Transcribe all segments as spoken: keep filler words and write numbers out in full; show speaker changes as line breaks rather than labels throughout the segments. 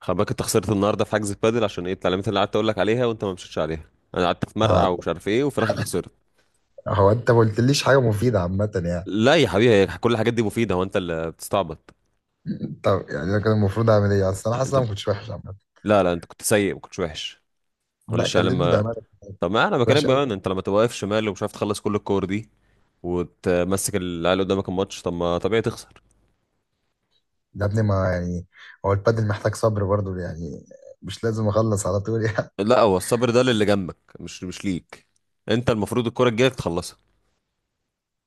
خلي بالك انت خسرت النهارده في حجز البادل عشان ايه التعليمات اللي قعدت اقول لك عليها وانت ما مشيتش عليها. انا قعدت اتمرقع
اه،
ومش عارف ايه وفي الاخر خسرت.
هو انت ما قلتليش حاجه مفيده عامه يعني؟
لا يا حبيبي، هي كل الحاجات دي مفيده، هو انت اللي بتستعبط.
طب يعني انا كان المفروض اعمل ايه؟ اصل انا حاسس
انت،
إن انا ما كنتش وحش عامه.
لا لا انت كنت سيء، ما كنتش وحش.
لا،
معلش انا
كلمني
لما،
بامانه.
طب ما انا
كنت
بكلمك
وحش
بقى ان
قوي.
انت لما تبقى واقف شمال ومش عارف تخلص كل الكور دي وتمسك العيال قدامك الماتش، طب ما طبيعي تخسر.
يا ابني ما يعني، هو البادل محتاج صبر برضه يعني، مش لازم اخلص على طول يعني.
لا، هو الصبر ده للي جنبك، مش مش ليك. انت المفروض الكوره الجايه تخلصها.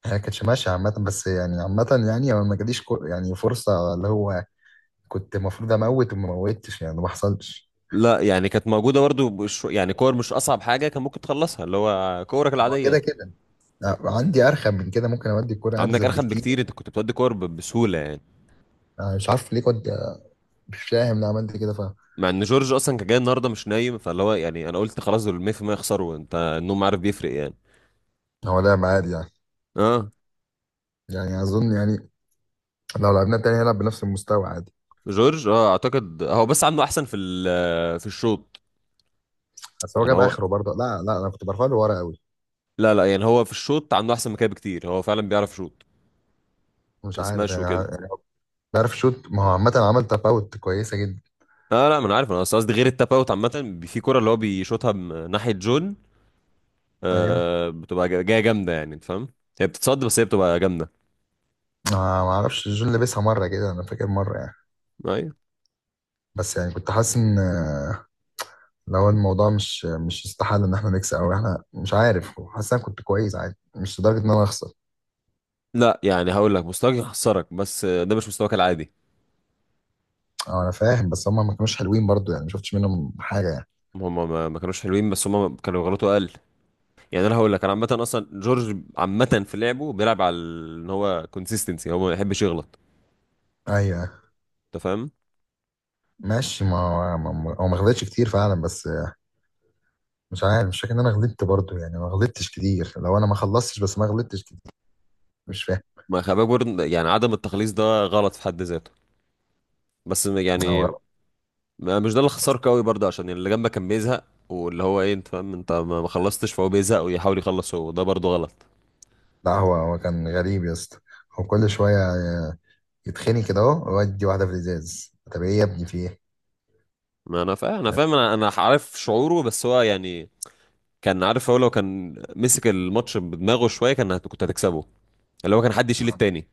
هي ما كانتش ماشيه عامه، بس يعني عامه يعني هو ما جاليش كو- يعني فرصه اللي هو، كنت المفروض اموت وما موتش يعني، ما حصلش.
لا يعني كانت موجوده برضه بشو- يعني كور مش اصعب حاجه، كان ممكن تخلصها اللي هو كورك
هو
العاديه.
كده كده. لا، عندي ارخم من كده، ممكن اودي الكوره
عندك
ارزل
ارخم
بكتير.
بكتير، انت كنت بتودي كور ب- بسهوله يعني.
انا مش عارف ليه كنت، مش فاهم ليه عملت كده، فاهم؟
مع ان جورج اصلا كان جاي النهارده مش نايم، فاللي هو يعني انا قلت خلاص دول مية في المية يخسروا، انت النوم عارف بيفرق يعني.
هو لا عادي يعني.
اه.
يعني اظن يعني لو لعبنا تاني هنلعب بنفس المستوى عادي.
جورج اه اعتقد هو بس عنده احسن في ال- في الشوط.
بس هو
يعني
جاب
هو،
اخره برضه. لا لا، انا كنت برفع له ورا قوي.
لا لا يعني هو في الشوط عنده احسن مكان بكتير، هو فعلا بيعرف يشوط
مش عارف
كسماش
يعني
وكده.
ع- عارف شوت، ما هو عامة عمل تفاوت كويسة جدا.
اه لا، ما انا عارف، انا أصل قصدي غير التاب اوت عامه. بي- في كوره اللي هو بيشوطها من ناحيه جون
ايوه.
آه بتبقى جا- جايه جامده يعني انت فاهم. هي بتتصد بس هي بتبقى جامده.
ما ما اعرفش، جون لبسها مرة كده، انا فاكر مرة يعني.
ايوه.
بس يعني كنت حاسس ان آه، لو الموضوع مش مش يستحل ان احنا نكسب او احنا مش عارف. حاسس إن انا كنت كويس عادي، مش لدرجة ان انا اخسر.
لا يعني هقول لك مستواك يخسرك، بس ده مش مستواك العادي.
اه انا فاهم، بس هم ما كانوش حلوين برضه يعني، ما شفتش منهم حاجة يعني.
هم ما ما كانوش حلوين، بس هم كانوا غلطوا اقل. يعني انا هقول لك، انا عامه اصلا جورج عامه في لعبه بيلعب على ال- ان هو كونسيستنسي، هو ما يحبش يغلط.
ايوه.
انت فاهم.
ماشي، ما هو ما ما- هو ما خدتش كتير فعلا، بس مش عارف، مش فاكر ان انا غلطت برضو يعني، ما غلطتش كتير، لو انا ما خلصتش بس ما غلطتش كتير. مش فاهم.
ما خباك برضه يعني، عدم التخليص ده غلط في حد ذاته. بس
هو
يعني، ما- مش ده اللي خسرك قوي برضه، عشان اللي جنبك كان بيزهق. واللي هو ايه، انت فاهم، انت ما ما خلصتش فهو بيزهق ويحاول يخلص، هو ده برضه غلط.
لا، هو هو كان غريب يا اسطى، هو كل شويه يتخني كده اهو، ويدي واحده في الازاز. طب ايه يا ابني؟ في ايه؟
ما انا فاهم، انا فاهم انا انا عارف شعوره، بس هو يعني كان عارف، هو لو كان مسك الماتش بدماغه شويه كان هت- كنت هتكسبه. اللي هو كان حد يشيل التاني.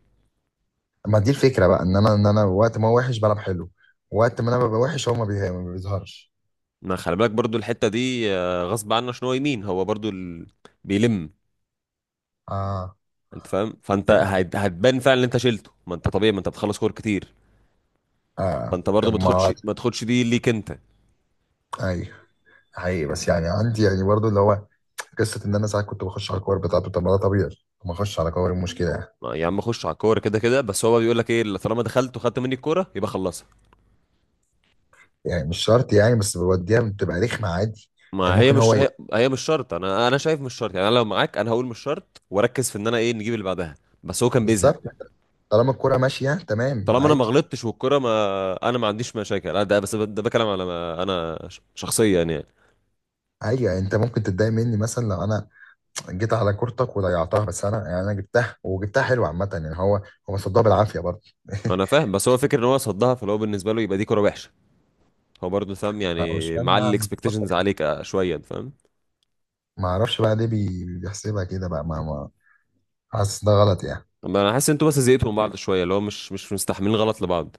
ما دي الفكره بقى، ان انا ان انا وقت ما هو وحش بلعب حلو، وقت ما انا ببقى وحش هو ما بيه- ما بيظهرش.
ما خلي بالك برضو الحته دي آه، غصب عنه عشان هو يمين، هو برضو ال... بيلم.
اه.
انت فاهم، فانت
يعني.
هت- هتبان فعلا ان انت شيلته، ما انت طبيعي ما انت بتخلص كور كتير.
اه.
فانت برضو
طب
ما تاخدش
ما،
ما تاخدش دي ليك انت.
ايوه، حقيقي، بس يعني عندي يعني برضو اللي هو قصه ان انا ساعات كنت بخش على الكور بتاعته، طب ما ده طبيعي، ما اخش على كور، إيه المشكله يعني؟
ما يا عم خش على الكوره كده كده، بس هو بيقول لك ايه، اللي طالما دخلت وخدت مني الكوره يبقى خلصها.
يعني مش شرط يعني، بس بوديها بتبقى رخمة عادي.
ما
يعني
هي
ممكن هو
مش
ي-
هي, هي مش شرط، انا انا شايف مش شرط، يعني انا لو معاك انا هقول مش شرط واركز في ان انا ايه نجيب اللي بعدها. بس هو كان بيزهق.
بالظبط، طالما الكرة ماشية تمام
طالما انا ما
عادي.
غلطتش والكرة، ما انا ما عنديش مشاكل، لا ده بس ده بكلام على ما انا ش- شخصيا يعني.
عادي يعني انت ممكن تتضايق مني مثلا لو انا جيت على كورتك وضيعتها، بس انا يعني انا جبتها وجبتها حلوة عامة يعني، هو هو صدها بالعافية برضه.
انا فاهم، بس هو فكر ان هو صدها، فلو بالنسبه له يبقى دي كرة وحشه. هو برضه فاهم
انا مش
يعني،
فاهم
معلي
بقى بفكر
الاكسبكتيشنز
إيه.
عليك آه، شويه أنت فاهم.
ما اعرفش بقى ليه بي- بيحسبها كده بقى. ما ما حاسس ده غلط يعني.
اما انا حاسس ان انتوا بس زهقتوا من بعض شويه، اللي هو مش مش مستحملين غلط لبعض.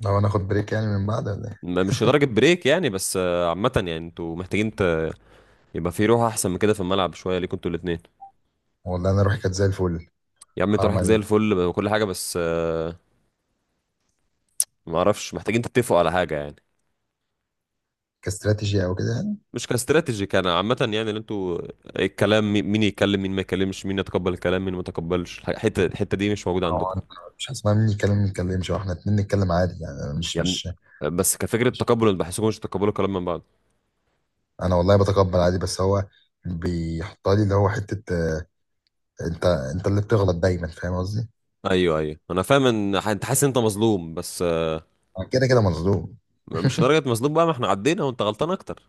لو انا اخد بريك يعني من بعد ولا ايه؟
م- مش لدرجه بريك يعني، بس آه، عامه يعني انتوا محتاجين ت... يبقى في روح احسن من كده في الملعب شويه ليكوا انتوا الاثنين.
والله انا روحي كانت زي الفل.
يا عم انت
حرام
روحك زي
عليك.
الفل وكل حاجه، بس آه، ما اعرفش، محتاجين تتفقوا على حاجه يعني.
كاستراتيجي او كده يعني.
مش كاستراتيجي، كان عامة يعني اللي انتوا الكلام مي- مين يتكلم مين ما يتكلمش، مين يتقبل الكلام مين ما يتقبلش، الح- الحتة الحتة دي مش موجودة
هو
عندكم.
أنا مش هسمع مني كلام؟ ما نتكلمش، واحنا اتنين نتكلم عادي يعني، أنا مش
يعني
مش
بس كفكرة، تقبل، انا بحسكم مش تقبلوا الكلام من بعض.
انا والله بتقبل عادي، بس هو بيحطها لي اللي هو حته آه، انت انت اللي بتغلط دايما، فاهم قصدي؟
ايوه ايوه انا فاهم ان ح- انت حاسس ان انت مظلوم، بس آه،
أنا كده كده مظلوم.
مش لدرجة مظلوم بقى، ما احنا عدينا وانت غلطان اكتر.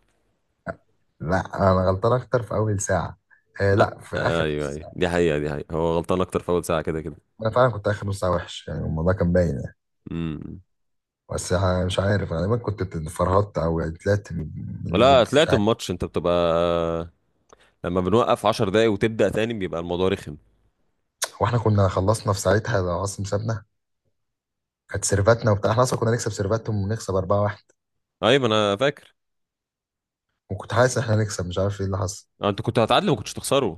لا، انا غلطان اكتر في اول ساعه. آه
لا
لا، في اخر
ايوه
نص
ايوه،
ساعه.
دي حقيقة، دي حقيقة، هو غلطان اكتر في اول ساعة كده كده.
انا فعلا كنت اخر نص ساعه وحش يعني، الموضوع كان باين يعني.
امم.
بس ه- مش عارف، انا دايما كنت فرهطت او يعني طلعت من من
لا
المود، مش
طلعت
عارف.
الماتش انت بتبقى، لما بنوقف عشر دقايق وتبدأ تاني بيبقى الموضوع رخم.
واحنا كنا خلصنا في ساعتها لو عاصم سابنا، كانت سيرفاتنا وبتاع، احنا اصلا كنا نكسب سيرفاتهم ونكسب أربعة واحد،
ايوه ما انا فاكر.
وكنت حاسس ان احنا نكسب، مش عارف ايه اللي حصل.
آه، انت كنت هتعادل وما كنتش تخسروا.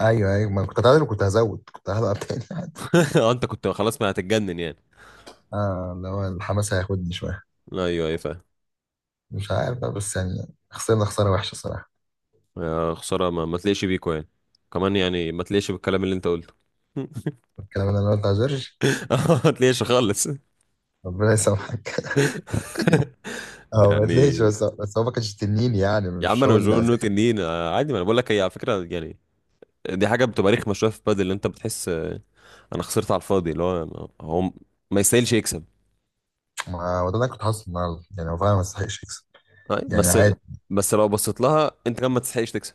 ايوه ايوه، ما أنا كنت هتعادل وكنت هزود، كنت هلعب تاني.
اه انت كنت خلاص ما هتتجنن يعني.
اه، اللي هو الحماس هياخدني شوية.
لا ايوه ايوه فاهم.
مش عارف بقى، بس يعني خسرنا خسارة وحشة صراحة.
يا خساره، ما, ما تليقش بيكو يعني، كمان يعني ما تليقش بالكلام اللي انت قلته.
الكلام اللي انا قلته على جورج؟
اه ما تليقش خالص.
ربنا يسامحك. هو ما تلاقيش،
يعني
بس بس هو ما كانش تنين يعني،
يا عم،
مش
انا
هو
مش
اللي
بقول انه
عزيز.
تنين آه، عادي، ما انا بقول لك هي على فكره يعني. دي حاجه بتبقى رخمه شويه في بدل، اللي انت بتحس آه، انا خسرت على الفاضي، اللي هو ما- هو ما يستاهلش يكسب.
ما هو ده اللي انا كنت حاسه النهارده يعني، هو فعلا ما يستحقش يكسب.
آه،
يعني
بس،
عادي.
بس لو بصيت لها انت كمان ما تستحقش تكسب.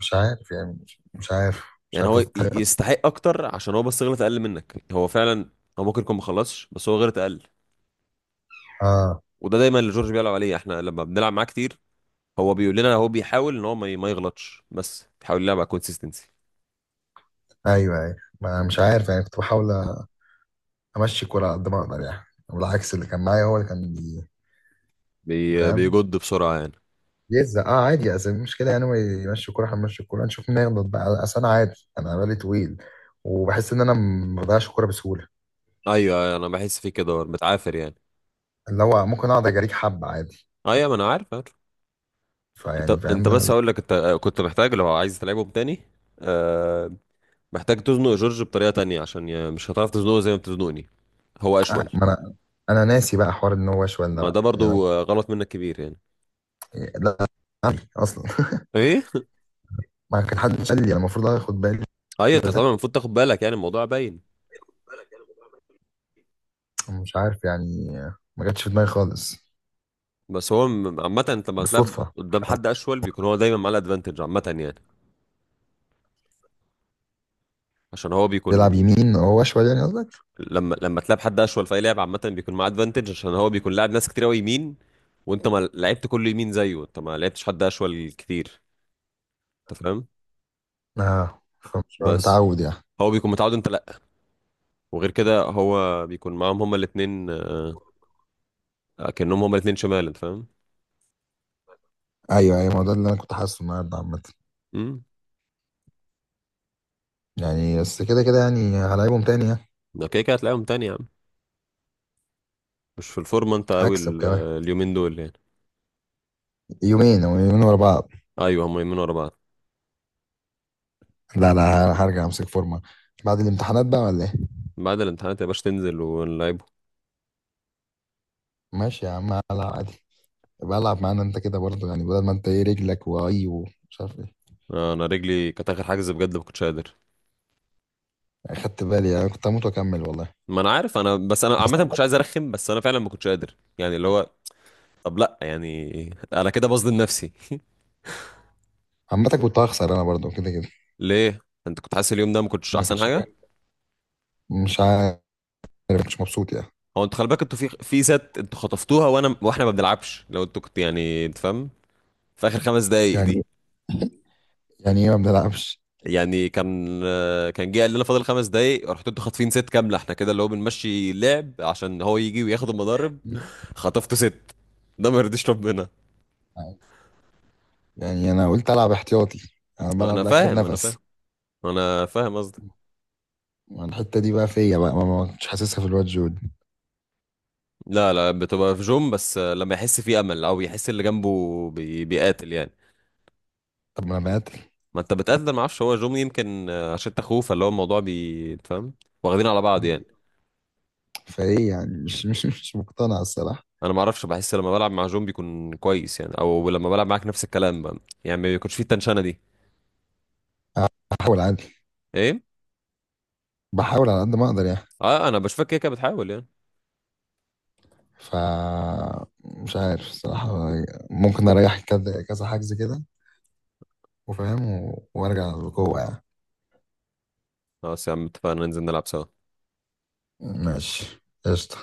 مش عارف يعني، مش مش عارف. مش
يعني
عارف
هو ي-
أستحق.
يستحق اكتر عشان هو بس غلط اقل منك، هو فعلا هو ممكن يكون ما خلصش بس هو غلط اقل.
اه.
وده دايما اللي جورج بيلعب عليه، احنا لما بنلعب معاه كتير هو بيقول لنا هو بيحاول ان هو ما ما يغلطش، بس بيحاول يلعب على كونسيستنسي.
ايوه ايوه، ما انا مش عارف يعني، كنت بحاول امشي الكوره على قد ما اقدر يعني، والعكس اللي كان معايا هو اللي كان بي-
بي...
فاهم.
بيجد بسرعه يعني.
يزا اه عادي، اصل المشكله يعني هو يمشي الكوره هنمشي الكوره، نشوف مين هيغلط بقى، اصل انا عادي انا بالي طويل، وبحس ان انا ما بضيعش الكوره بسهوله،
ايوه أيوة، انا بحس فيه كده، هو متعافر يعني.
اللي هو ممكن اقعد اجريك حبه عادي.
ايوه ما انا عارف عارف. انت
فيعني
انت
فاهم. لا
بس
لا.
هقول لك انت كنت محتاج لو عايز تلعبهم تاني آه... محتاج تزنق جورج بطريقه تانية عشان ي... مش هتعرف تزنقه زي ما بتزنقني. هو
آه،
اشول.
ما انا، انا ناسي بقى حوار ان هو شويه
ما ده
بقى يعني انا.
برضو آه، غلط منك كبير يعني.
لا عادي اصلا.
ايه.
ما كان حد قال لي انا المفروض اخد بالي.
ايوه انت
بس
طبعا المفروض تاخد بالك، يعني الموضوع باين.
مش عارف يعني، ما جاتش في دماغي خالص.
بس هو م- عامة انت لما تلعب
بالصدفه؟
قدام حد اشول بيكون هو دايما معاه الادفانتج عامة يعني، عشان هو
بيلعب
بيكون.
يمين هو شويه يعني قصدك؟
لما لما تلعب حد اشول في اي لعبة عامة بيكون معاه ادفانتج، عشان هو بيكون لاعب ناس كتير قوي يمين، وانت ما لعبت كله يمين زيه، انت ما لعبتش حد اشول كتير. انت فاهم.
اه، فمش
بس
متعود يعني.
هو بيكون متعود، انت لا. وغير كده هو بيكون معاهم هما الاتنين آه، كأنهم هما الاتنين شمال، انت فاهم.
ايوه ايوه، ما هو ده اللي انا كنت حاسه النهارده عامه.
امم.
يعني بس كده كده يعني، هلاعبهم تاني يعني.
ده كده كده هتلاقيهم تاني يا عم، مش في الفورمة انت قوي
هكسب
ال-
كمان.
اليومين دول يعني.
يومين او يومين ورا بعض.
ايوه هما يومين ورا بعض.
لا لا، هرجع امسك فورمه. بعد الامتحانات بقى ولا ايه؟
بعد الامتحانات يا باشا تنزل ونلعب.
ماشي يا عم، هلعب عادي. يبقى العب معانا انت كده برضه يعني، بدل ما انت ايه رجلك واي ومش عارف ايه.
آه، انا رجلي كانت اخر حجز بجد ما كنتش قادر.
اخدت بالي يعني، كنت هموت واكمل والله.
ما انا عارف، انا بس انا
بس
عامه ما كنتش
عامة.
عايز ارخم، بس انا فعلا ما كنتش قادر يعني اللي هو. طب لا يعني انا كده بظلم نفسي.
عامة كنت هخسر انا برضه كده كده.
ليه؟ انت كنت حاسس اليوم ده ما كنتش
ما
احسن
كانتش.
حاجه.
مش عارف. مش مبسوط يعني.
هو انتوا خلي بالك انتوا في في ست انتوا خطفتوها، وانا واحنا ما بنلعبش لو انتوا كنت يعني انت فاهم، في اخر خمس دقايق دي.
يعني يعني ايه ما بنلعبش؟
يعني كان آه، كان جه قال لنا فاضل خمس دقايق، رحتوا انتوا خاطفين ست كامله، احنا كده اللي هو بنمشي لعب عشان هو يجي وياخد المضارب. خطفتوا ست، ده ما يرضيش ربنا.
يعني انا قلت العب احتياطي، انا بلعب
انا
لاخر
فاهم انا
نفس.
فاهم، انا فاهم قصدك.
الحته دي بقى فيا بقى، ما ما كنتش حاسسها في الواد جود.
لا لا، بتبقى في جوم بس لما يحس فيه امل او يحس اللي جنبه بي... بيقاتل يعني.
طب ما انا مقاتل.
ما انت بتقاتل، ما اعرفش، هو جوم يمكن عشان انت اخوه، فاللي هو الموضوع بي فاهم، واخدين على بعض يعني.
فايه يعني؟ مش مش مش مقتنع الصراحه.
انا ما اعرفش، بحس لما بلعب مع جوم بيكون كويس يعني، او لما بلعب معاك نفس الكلام بقى، يعني ما بيكونش فيه التنشنه دي.
بحاول عادي.
ايه.
بحاول على قد ما اقدر يعني.
اه انا بشوفك كده كده بتحاول يعني.
ف، مش عارف الصراحه، ممكن اريح كذا كذا حجز كده، وفاهم و- وارجع للقوه يعني.
خلاص يا عم، اتفقنا ننزل نلعب سوا.
ماشي قشطه.